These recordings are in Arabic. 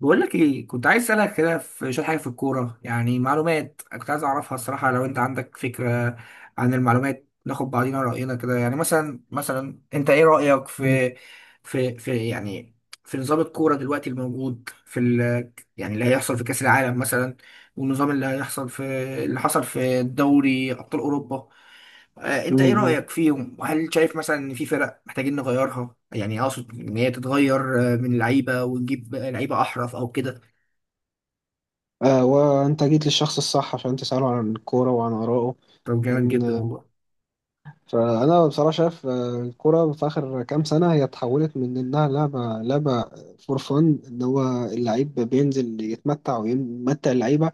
بقول لك ايه، كنت عايز اسالك كده في شويه حاجه في الكوره. يعني معلومات كنت عايز اعرفها الصراحه، لو انت عندك فكره عن المعلومات ناخد بعضينا راينا كده. يعني مثلا انت ايه رايك مم. في في نظام الكوره دلوقتي الموجود في ال يعني اللي هيحصل في كاس العالم مثلا، والنظام اللي هيحصل في اللي حصل في دوري ابطال اوروبا. انت ايه مم. رأيك فيهم؟ وهل شايف مثلا ان في فرق محتاجين نغيرها؟ يعني اقصد ان هي تتغير، من لعيبة ونجيب لعيبة احرف او كده. آه وأنت جيت للشخص الصح عشان تسأله عن الكورة وعن آرائه، طب جامد جدا لأن والله. بصراحة شايف الكرة في آخر كام سنة هي اتحولت من إنها لعبة فور فن، إن هو اللعيب بينزل يتمتع ويمتع اللعيبة،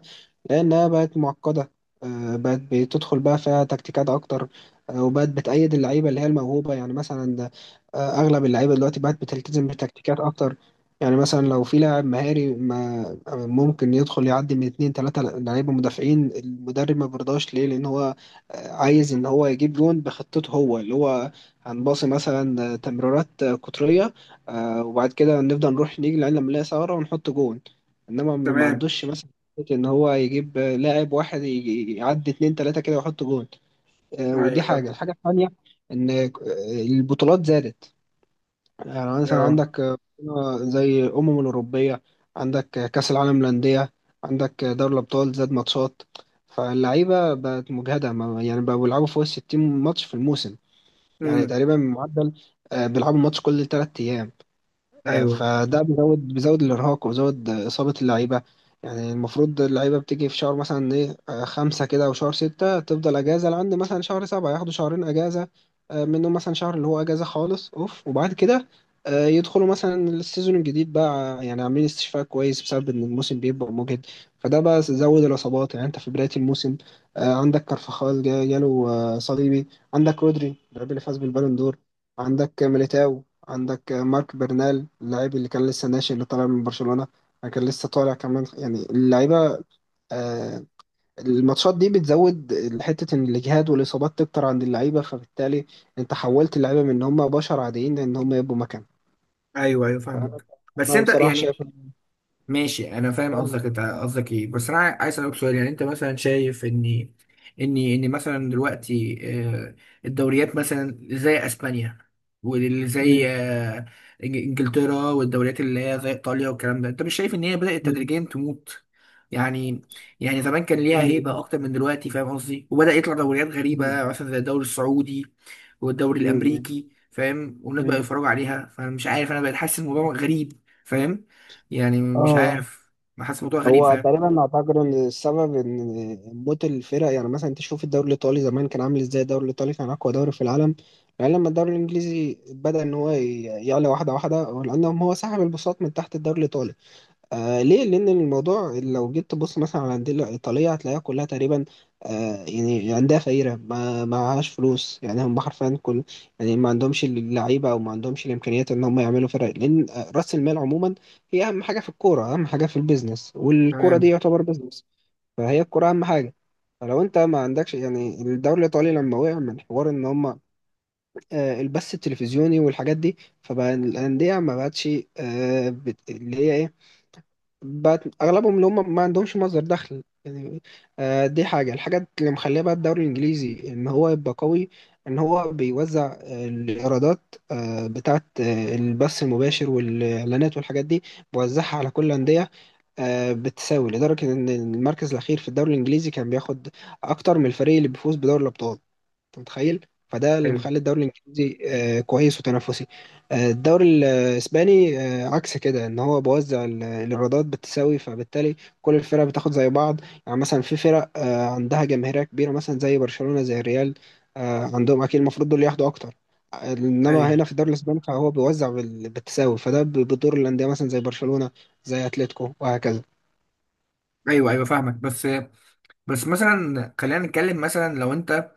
لأنها بقت معقدة. بقت بتدخل بقى فيها تكتيكات أكتر. وبقت بتأيد اللعيبة اللي هي الموهوبة، يعني مثلا أغلب اللعيبة دلوقتي بقت بتلتزم بتكتيكات أكتر. يعني مثلا لو في لاعب مهاري ما ممكن يدخل يعدي من اتنين تلاتة لعيبة مدافعين، المدرب ما بيرضاش ليه لأن هو عايز ان هو يجيب جون بخطته، هو اللي هو هنباصي مثلا تمريرات قطريه. وبعد كده نفضل نروح نيجي لعين لما نلاقي ثغره ونحط جون. انما ما تمام. عندوش مثلا فكرة ان هو يجيب لاعب واحد يعدي اتنين تلاته كده ويحط جون. ودي ايوه فاهم. الحاجه الثانيه ان البطولات زادت. يعني مثلا اه. عندك زي الأمم الأوروبية، عندك كأس العالم للأندية، عندك دوري الأبطال زاد ماتشات. فاللعيبة بقت مجهدة، يعني بقوا بيلعبوا فوق 60 ماتش في الموسم. يعني امم. تقريبا معدل بيلعبوا ماتش كل 3 أيام. ايوه. فده بيزود الارهاق وبيزود اصابه اللعيبه. يعني المفروض اللعيبه بتيجي في شهر مثلا ايه خمسة كده او شهر ستة، تفضل اجازه لعند مثلا شهر سبعة، ياخدوا شهرين اجازه. منهم مثلا شهر اللي هو اجازه خالص اوف، وبعد كده يدخلوا مثلا السيزون الجديد بقى يعني عاملين استشفاء كويس، بسبب ان الموسم بيبقى مجهد. فده بقى زود الاصابات. يعني انت في بدايه الموسم عندك كارفاخال جاله صليبي، عندك رودري اللاعب اللي فاز بالبالون دور، عندك ميليتاو، عندك مارك برنال اللاعب اللي كان لسه ناشئ اللي طالع من برشلونة، كان لسه طالع كمان. يعني اللعيبة آه، الماتشات دي بتزود حتة إن الإجهاد والإصابات تكتر عند اللعيبة، فبالتالي أنت حولت اللعيبة من إن هم بشر عاديين لإن هم يبقوا مكان. ايوه. ايوه فأنا فاهمك بس. أنا انت بصراحة يعني شايف إن ماشي انا فاهم فعلاً- قصدك، انت قصدك ايه؟ بس انا عايز اسالك سؤال. يعني انت مثلا شايف ان مثلا دلوقتي آه، الدوريات مثلا زي اسبانيا، واللي زي مم. انجلترا والدوريات اللي هي زي ايطاليا والكلام ده، انت مش شايف ان هي بدات مم. تدريجيا تموت؟ يعني، يعني زمان كان ليها هيبه مم. اكتر من دلوقتي، فاهم قصدي؟ وبدا يطلع دوريات غريبه مم. مثلا زي الدوري السعودي والدوري مم. الامريكي، فاهم؟ والناس بقى مم. يتفرجوا عليها. فانا مش عارف، انا بقيت حاسس الموضوع مم. غريب، فاهم؟ يعني مش آه عارف، بحس الموضوع غريب، هو فاهم؟ تقريبا اعتقد ان السبب ان موت الفرق. يعني مثلا انت شوف الدوري الايطالي زمان كان عامل ازاي، الدوري الايطالي كان اقوى دوري في العالم. يعني لما الدوري الانجليزي بدا ان هو يعلى واحده واحده، لانهم هو سحب البساط من تحت الدوري الايطالي. آه ليه؟ لأن الموضوع لو جيت تبص مثلا على الأندية الإيطالية هتلاقيها كلها تقريبا يعني عندها فقيرة، ما معهاش فلوس. يعني هم حرفيا كل، يعني ما عندهمش اللعيبة أو ما عندهمش الإمكانيات إن هم يعملوا فرق، لأن رأس المال عموما هي أهم حاجة في الكورة، أهم حاجة في البيزنس، والكورة دي تمام. يعتبر بيزنس. فهي الكورة أهم حاجة. فلو انت ما عندكش، يعني الدوري الايطالي لما وقع من حوار ان هم البث التلفزيوني والحاجات دي، فبقى الانديه ما بقتش اللي هي ايه، بقت اغلبهم اللي هم ما عندهمش مصدر دخل. يعني دي الحاجه اللي مخليه بقى الدوري الانجليزي ان هو يبقى قوي، ان هو بيوزع الايرادات بتاعه البث المباشر والاعلانات والحاجات دي، بيوزعها على كل الانديه بتساوي، لدرجه ان المركز الاخير في الدوري الانجليزي كان بياخد اكتر من الفريق اللي بيفوز بدوري الابطال. انت متخيل؟ فده اللي ايوه. مخلي الدوري الانجليزي كويس وتنافسي. الدوري الاسباني عكس كده، ان هو بوزع الايرادات بالتساوي، فبالتالي كل الفرق بتاخد زي بعض. يعني مثلا في فرق عندها جماهيريه كبيره مثلا زي برشلونه، زي الريال، عندهم اكيد المفروض دول ياخدوا اكتر. انما ايوه. هنا في الدوري الاسباني فهو بيوزع بالتساوي، فده بيضر الانديه مثلا زي برشلونه، زي اتلتيكو وهكذا. ايوه. ايوه فاهمك. بس مثلا خلينا نتكلم. مثلا لو انت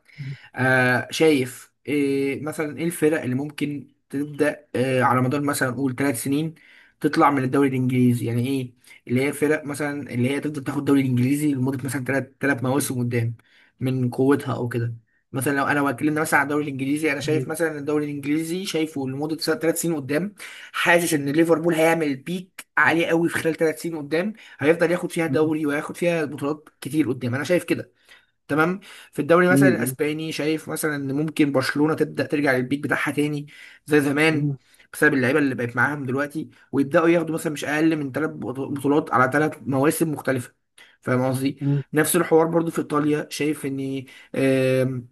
شايف إيه مثلا، ايه الفرق اللي ممكن تبدأ على مدار مثلا نقول 3 سنين تطلع من الدوري الانجليزي؟ يعني ايه اللي هي فرق مثلا اللي هي تفضل تاخد الدوري الانجليزي لمدة مثلا ثلاث مواسم قدام من قوتها او كده. مثلا لو انا اتكلمنا مثلا على الدوري الانجليزي، انا شايف مثلا الدوري الانجليزي شايفه لمدة 3 سنين قدام. حاسس ان ليفربول هيعمل بيك عالي قوي في خلال 3 سنين قدام، هيفضل ياخد فيها مم. دوري وياخد فيها بطولات كتير قدام. انا شايف كده، تمام. في الدوري مم. مثلا مم. الاسباني شايف مثلا ان ممكن برشلونه تبدا ترجع للبيك بتاعها تاني زي زمان، مم. بسبب اللعيبه اللي بقت معاهم دلوقتي، ويبداوا ياخدوا مثلا مش اقل من 3 بطولات على 3 مواسم مختلفه، فاهم قصدي؟ مم. نفس الحوار برضو في ايطاليا، شايف ان آم،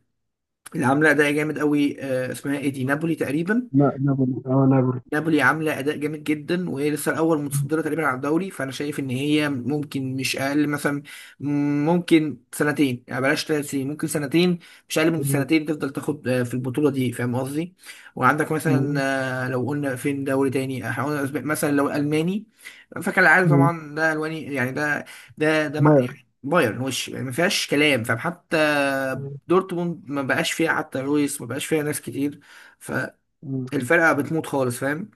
اللي عامله ده جامد قوي اسمها ايه دي، نابولي تقريبا. لا نابولي، اه نابولي. نابولي عامله اداء جامد جدا، وهي لسه الاول متصدره تقريبا على الدوري، فانا شايف ان هي ممكن مش اقل مثلا، ممكن سنتين، يعني بلاش 3 سنين، ممكن سنتين، مش اقل من مم. سنتين تفضل تاخد في البطوله دي، فاهم قصدي؟ وعندك مثلا مم. لو قلنا فين دوري تاني هقول أسباني. مثلا لو الماني، فكالعاده مم. طبعا ده الواني، يعني ده ده ده ما- باير. يعني بايرن وش، يعني ما فيهاش كلام، فاهم؟ حتى مم. دورتموند ما بقاش فيها، حتى لويس ما بقاش فيها، ناس كتير. مم. فالفرقه بتموت خالص، فاهم؟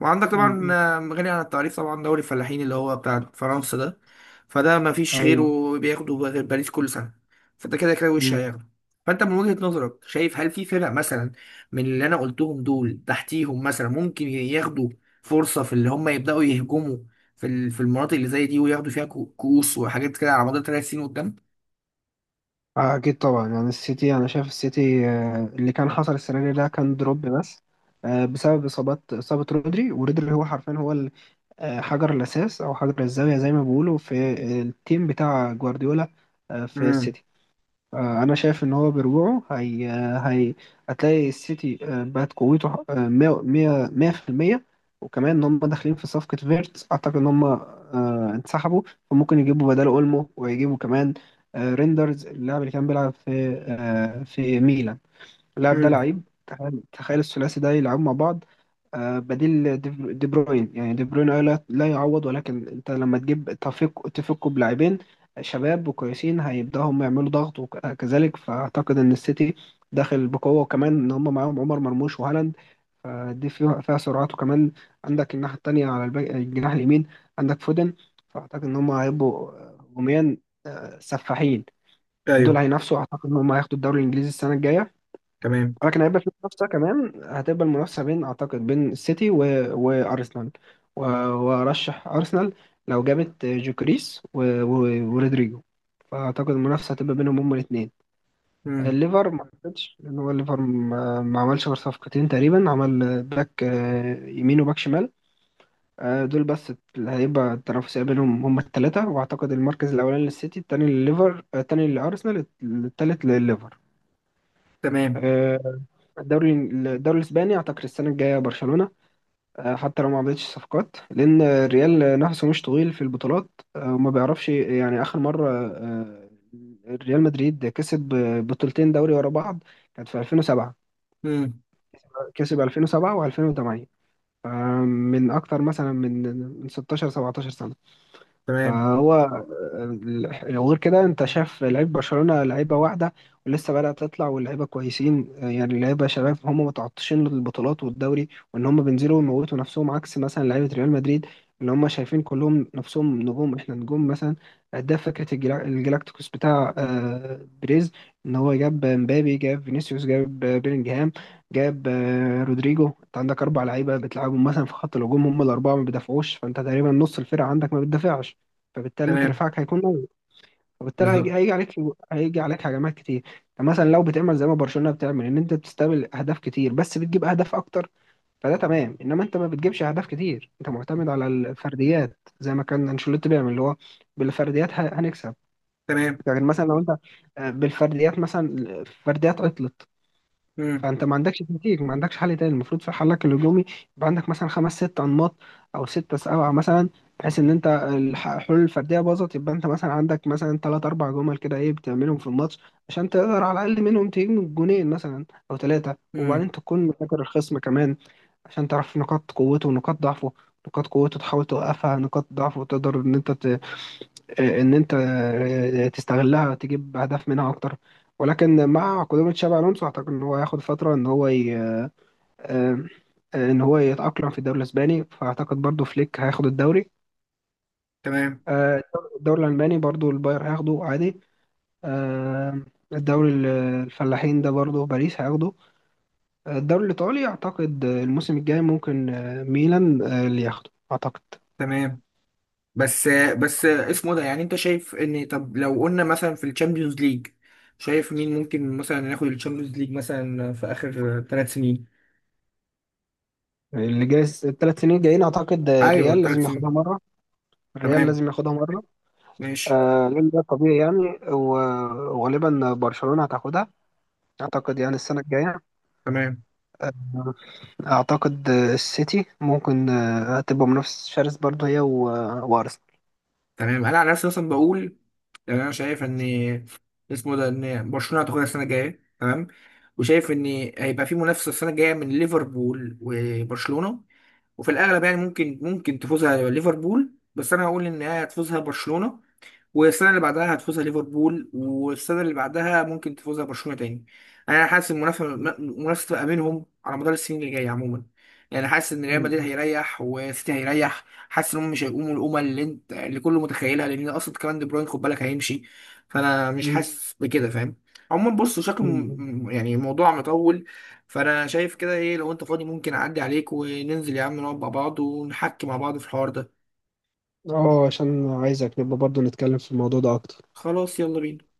وعندك طبعا مم. غني عن التعريف طبعا، دوري الفلاحين اللي هو بتاع فرنسا ده، فده ما فيش غيره ايوه. بياخده غير باريس كل سنة. فانت كده كده وش مم. هياخده. فانت من وجهة نظرك شايف هل في فرق مثلا من اللي انا قلتهم دول تحتيهم مثلا ممكن ياخدوا فرصة في اللي هم يبدأوا يهجموا في في المناطق اللي زي دي، وياخدوا فيها كؤوس وحاجات كده على مدار 3 سنين قدام؟ اكيد طبعا. يعني السيتي، انا شايف السيتي اللي كان حصل السنه دي ده كان دروب بس بسبب اصابات، اصابه رودري. ورودري هو حرفيا هو حجر الاساس او حجر الزاويه زي ما بيقولوا في التيم بتاع جوارديولا في امم. السيتي. انا شايف ان هو برجوعه هي هي هتلاقي السيتي بقت قوته 100 100 100%، وكمان ان هم داخلين في صفقة فيرتس اعتقد ان هم انسحبوا، فممكن يجيبوا بداله اولمو، ويجيبوا كمان ريندرز اللاعب اللي كان بيلعب في في ميلان. اللاعب ده امم. لعيب، تخيل تخيل الثلاثي ده يلعبوا مع بعض بديل دي بروين. يعني دي بروين آه لا لا يعوض، ولكن انت لما تجيب تفكوا بلاعبين شباب وكويسين هيبدأوا هم يعملوا ضغط وكذلك، فأعتقد إن السيتي داخل بقوة، وكمان إن هم معاهم عمر مرموش وهالاند، فدي فيها فيها سرعات. وكمان عندك الناحية التانية على الجناح اليمين عندك فودن. فأعتقد إن هم هيبقوا هجوميا سفاحين. دول ايوه. هينافسوا، أعتقد إن هم هياخدوا الدوري الإنجليزي السنة الجاية. تمام. ولكن هيبقى في منافسة كمان، هتبقى المنافسة بين، أعتقد بين السيتي و... وأرسنال. و... وأرشح أرسنال لو جابت جوكريس و... و... ورودريجو. فأعتقد المنافسة هتبقى بينهم هما الاتنين. امم. الليفر ما أعتقدش، لأن هو الليفر ما عملش غير صفقتين تقريبا، عمل باك يمين وباك شمال. دول بس. اللي هيبقى التنافسية بينهم هما التلاتة، وأعتقد المركز الأولاني للسيتي، التاني للليفر، التاني لأرسنال، التالت للليفر. تمام. آه، الدوري الدوري الاسباني اعتقد السنه الجايه برشلونه حتى لو ما عملتش صفقات، لان الريال نفسه مش طويل في البطولات وما بيعرفش. يعني اخر مره آه، ريال مدريد كسب بطولتين دوري ورا بعض كانت في 2007، امم. كسب 2007 و2008، من اكتر مثلا من 16 17 سنه. تمام. فهو وغير كده انت شايف لعيب برشلونة لعيبة واحدة ولسه بدأت تطلع، واللعيبة كويسين يعني لعيبة شباب هم متعطشين للبطولات والدوري، وان هم بينزلوا ويموتوا نفسهم، عكس مثلا لعيبة ريال مدريد اللي هم شايفين كلهم نفسهم نجوم، احنا نجوم مثلا. ده فكرة الجلاكتيكوس بتاع بريز، ان هو جاب مبابي، جاب فينيسيوس، جاب بيلينجهام، جاب رودريجو. انت عندك اربع لعيبه بتلعبهم مثلا في خط الهجوم، هم الاربعه ما بيدافعوش، فانت تقريبا نص الفرقه عندك ما بتدافعش، فبالتالي انت تمام. دفاعك هيكون قوي، فبالتالي هيجي, بالظبط. هيجي عليك، هيجي عليك هجمات كتير. فمثلا لو بتعمل زي ما برشلونة بتعمل ان انت بتستقبل اهداف كتير بس بتجيب اهداف اكتر، فده تمام، انما انت ما بتجيبش اهداف كتير، انت معتمد على الفرديات زي ما كان انشيلوتي بيعمل، اللي هو بالفرديات هنكسب. تمام. لكن مثلا لو انت بالفرديات، مثلا الفرديات عطلت، امم. فانت ما عندكش تكتيك، ما عندكش حل تاني. المفروض في حلك الهجومي يبقى عندك مثلا خمس ست انماط او ستة سبعة مثلا، بحيث ان انت الحلول الفرديه باظت، يبقى انت مثلا عندك مثلا ثلاث اربع جمل كده ايه بتعملهم في الماتش عشان تقدر على الاقل منهم تجيب جونين مثلا او ثلاثه، امم. وبعدين تكون مذاكر الخصم كمان عشان تعرف نقاط قوته ونقاط ضعفه. نقاط قوته تحاول توقفها، نقاط ضعفه تقدر ان انت تستغلها تجيب اهداف منها اكتر. ولكن مع قدوم تشابي الونسو اعتقد ان هو هياخد فتره ان هو يتاقلم في الدوري الاسباني، فاعتقد برضو فليك هياخد الدوري. تمام. آه، الدوري الالماني برضو الباير هياخده عادي. آه، الدوري الفلاحين ده برضو باريس هياخده. الدوري الايطالي اعتقد الموسم الجاي ممكن ميلان اللي ياخده اعتقد. تمام. بس بس اسمه ده، يعني انت شايف ان، طب لو قلنا مثلا في الشامبيونز ليج، شايف مين ممكن مثلا ناخد الشامبيونز ليج مثلا في اخر 3 سنين؟ اللي جاي الثلاث سنين جايين اعتقد ايوه الريال ثلاث لازم ياخدها سنين مره، الريال تمام. لازم ياخدها مره. ماشي. آه لان ده طبيعي يعني، وغالبا برشلونه هتاخدها اعتقد، يعني السنه الجايه. تمام. آه، اعتقد السيتي ممكن هتبقى منافس شرس برضه هي وارسنال. تمام انا على نفسي مثلا بقول، يعني انا شايف ان اسمه ده، ان برشلونه هتاخدها السنه الجايه، تمام. وشايف ان هيبقى في منافسه السنه الجايه من ليفربول وبرشلونه، وفي الاغلب يعني ممكن تفوزها ليفربول، بس انا هقول ان هي هتفوزها برشلونه، والسنه اللي بعدها هتفوزها ليفربول، والسنه اللي بعدها ممكن تفوزها برشلونه تاني. انا حاسس المنافسه تبقى بينهم على مدار السنين اللي جايه عموما. يعني حاسس ان ريال مدريد م- هيريح، وسيتي هيريح. حاسس ان هم مش هيقوموا القومه اللي انت اللي كله متخيلها، لان اصلا كمان دي بروين خد بالك هيمشي. فانا مش م- م- حاسس بكده، فاهم؟ عموما بص شكله م. يعني موضوع مطول. فانا شايف كده، ايه لو انت فاضي ممكن اعدي عليك وننزل يا عم نقعد مع بعض ونحكي مع بعض في الحوار ده؟ اه عشان عايزك نبقى برضه نتكلم في الموضوع ده اكتر. خلاص يلا بينا.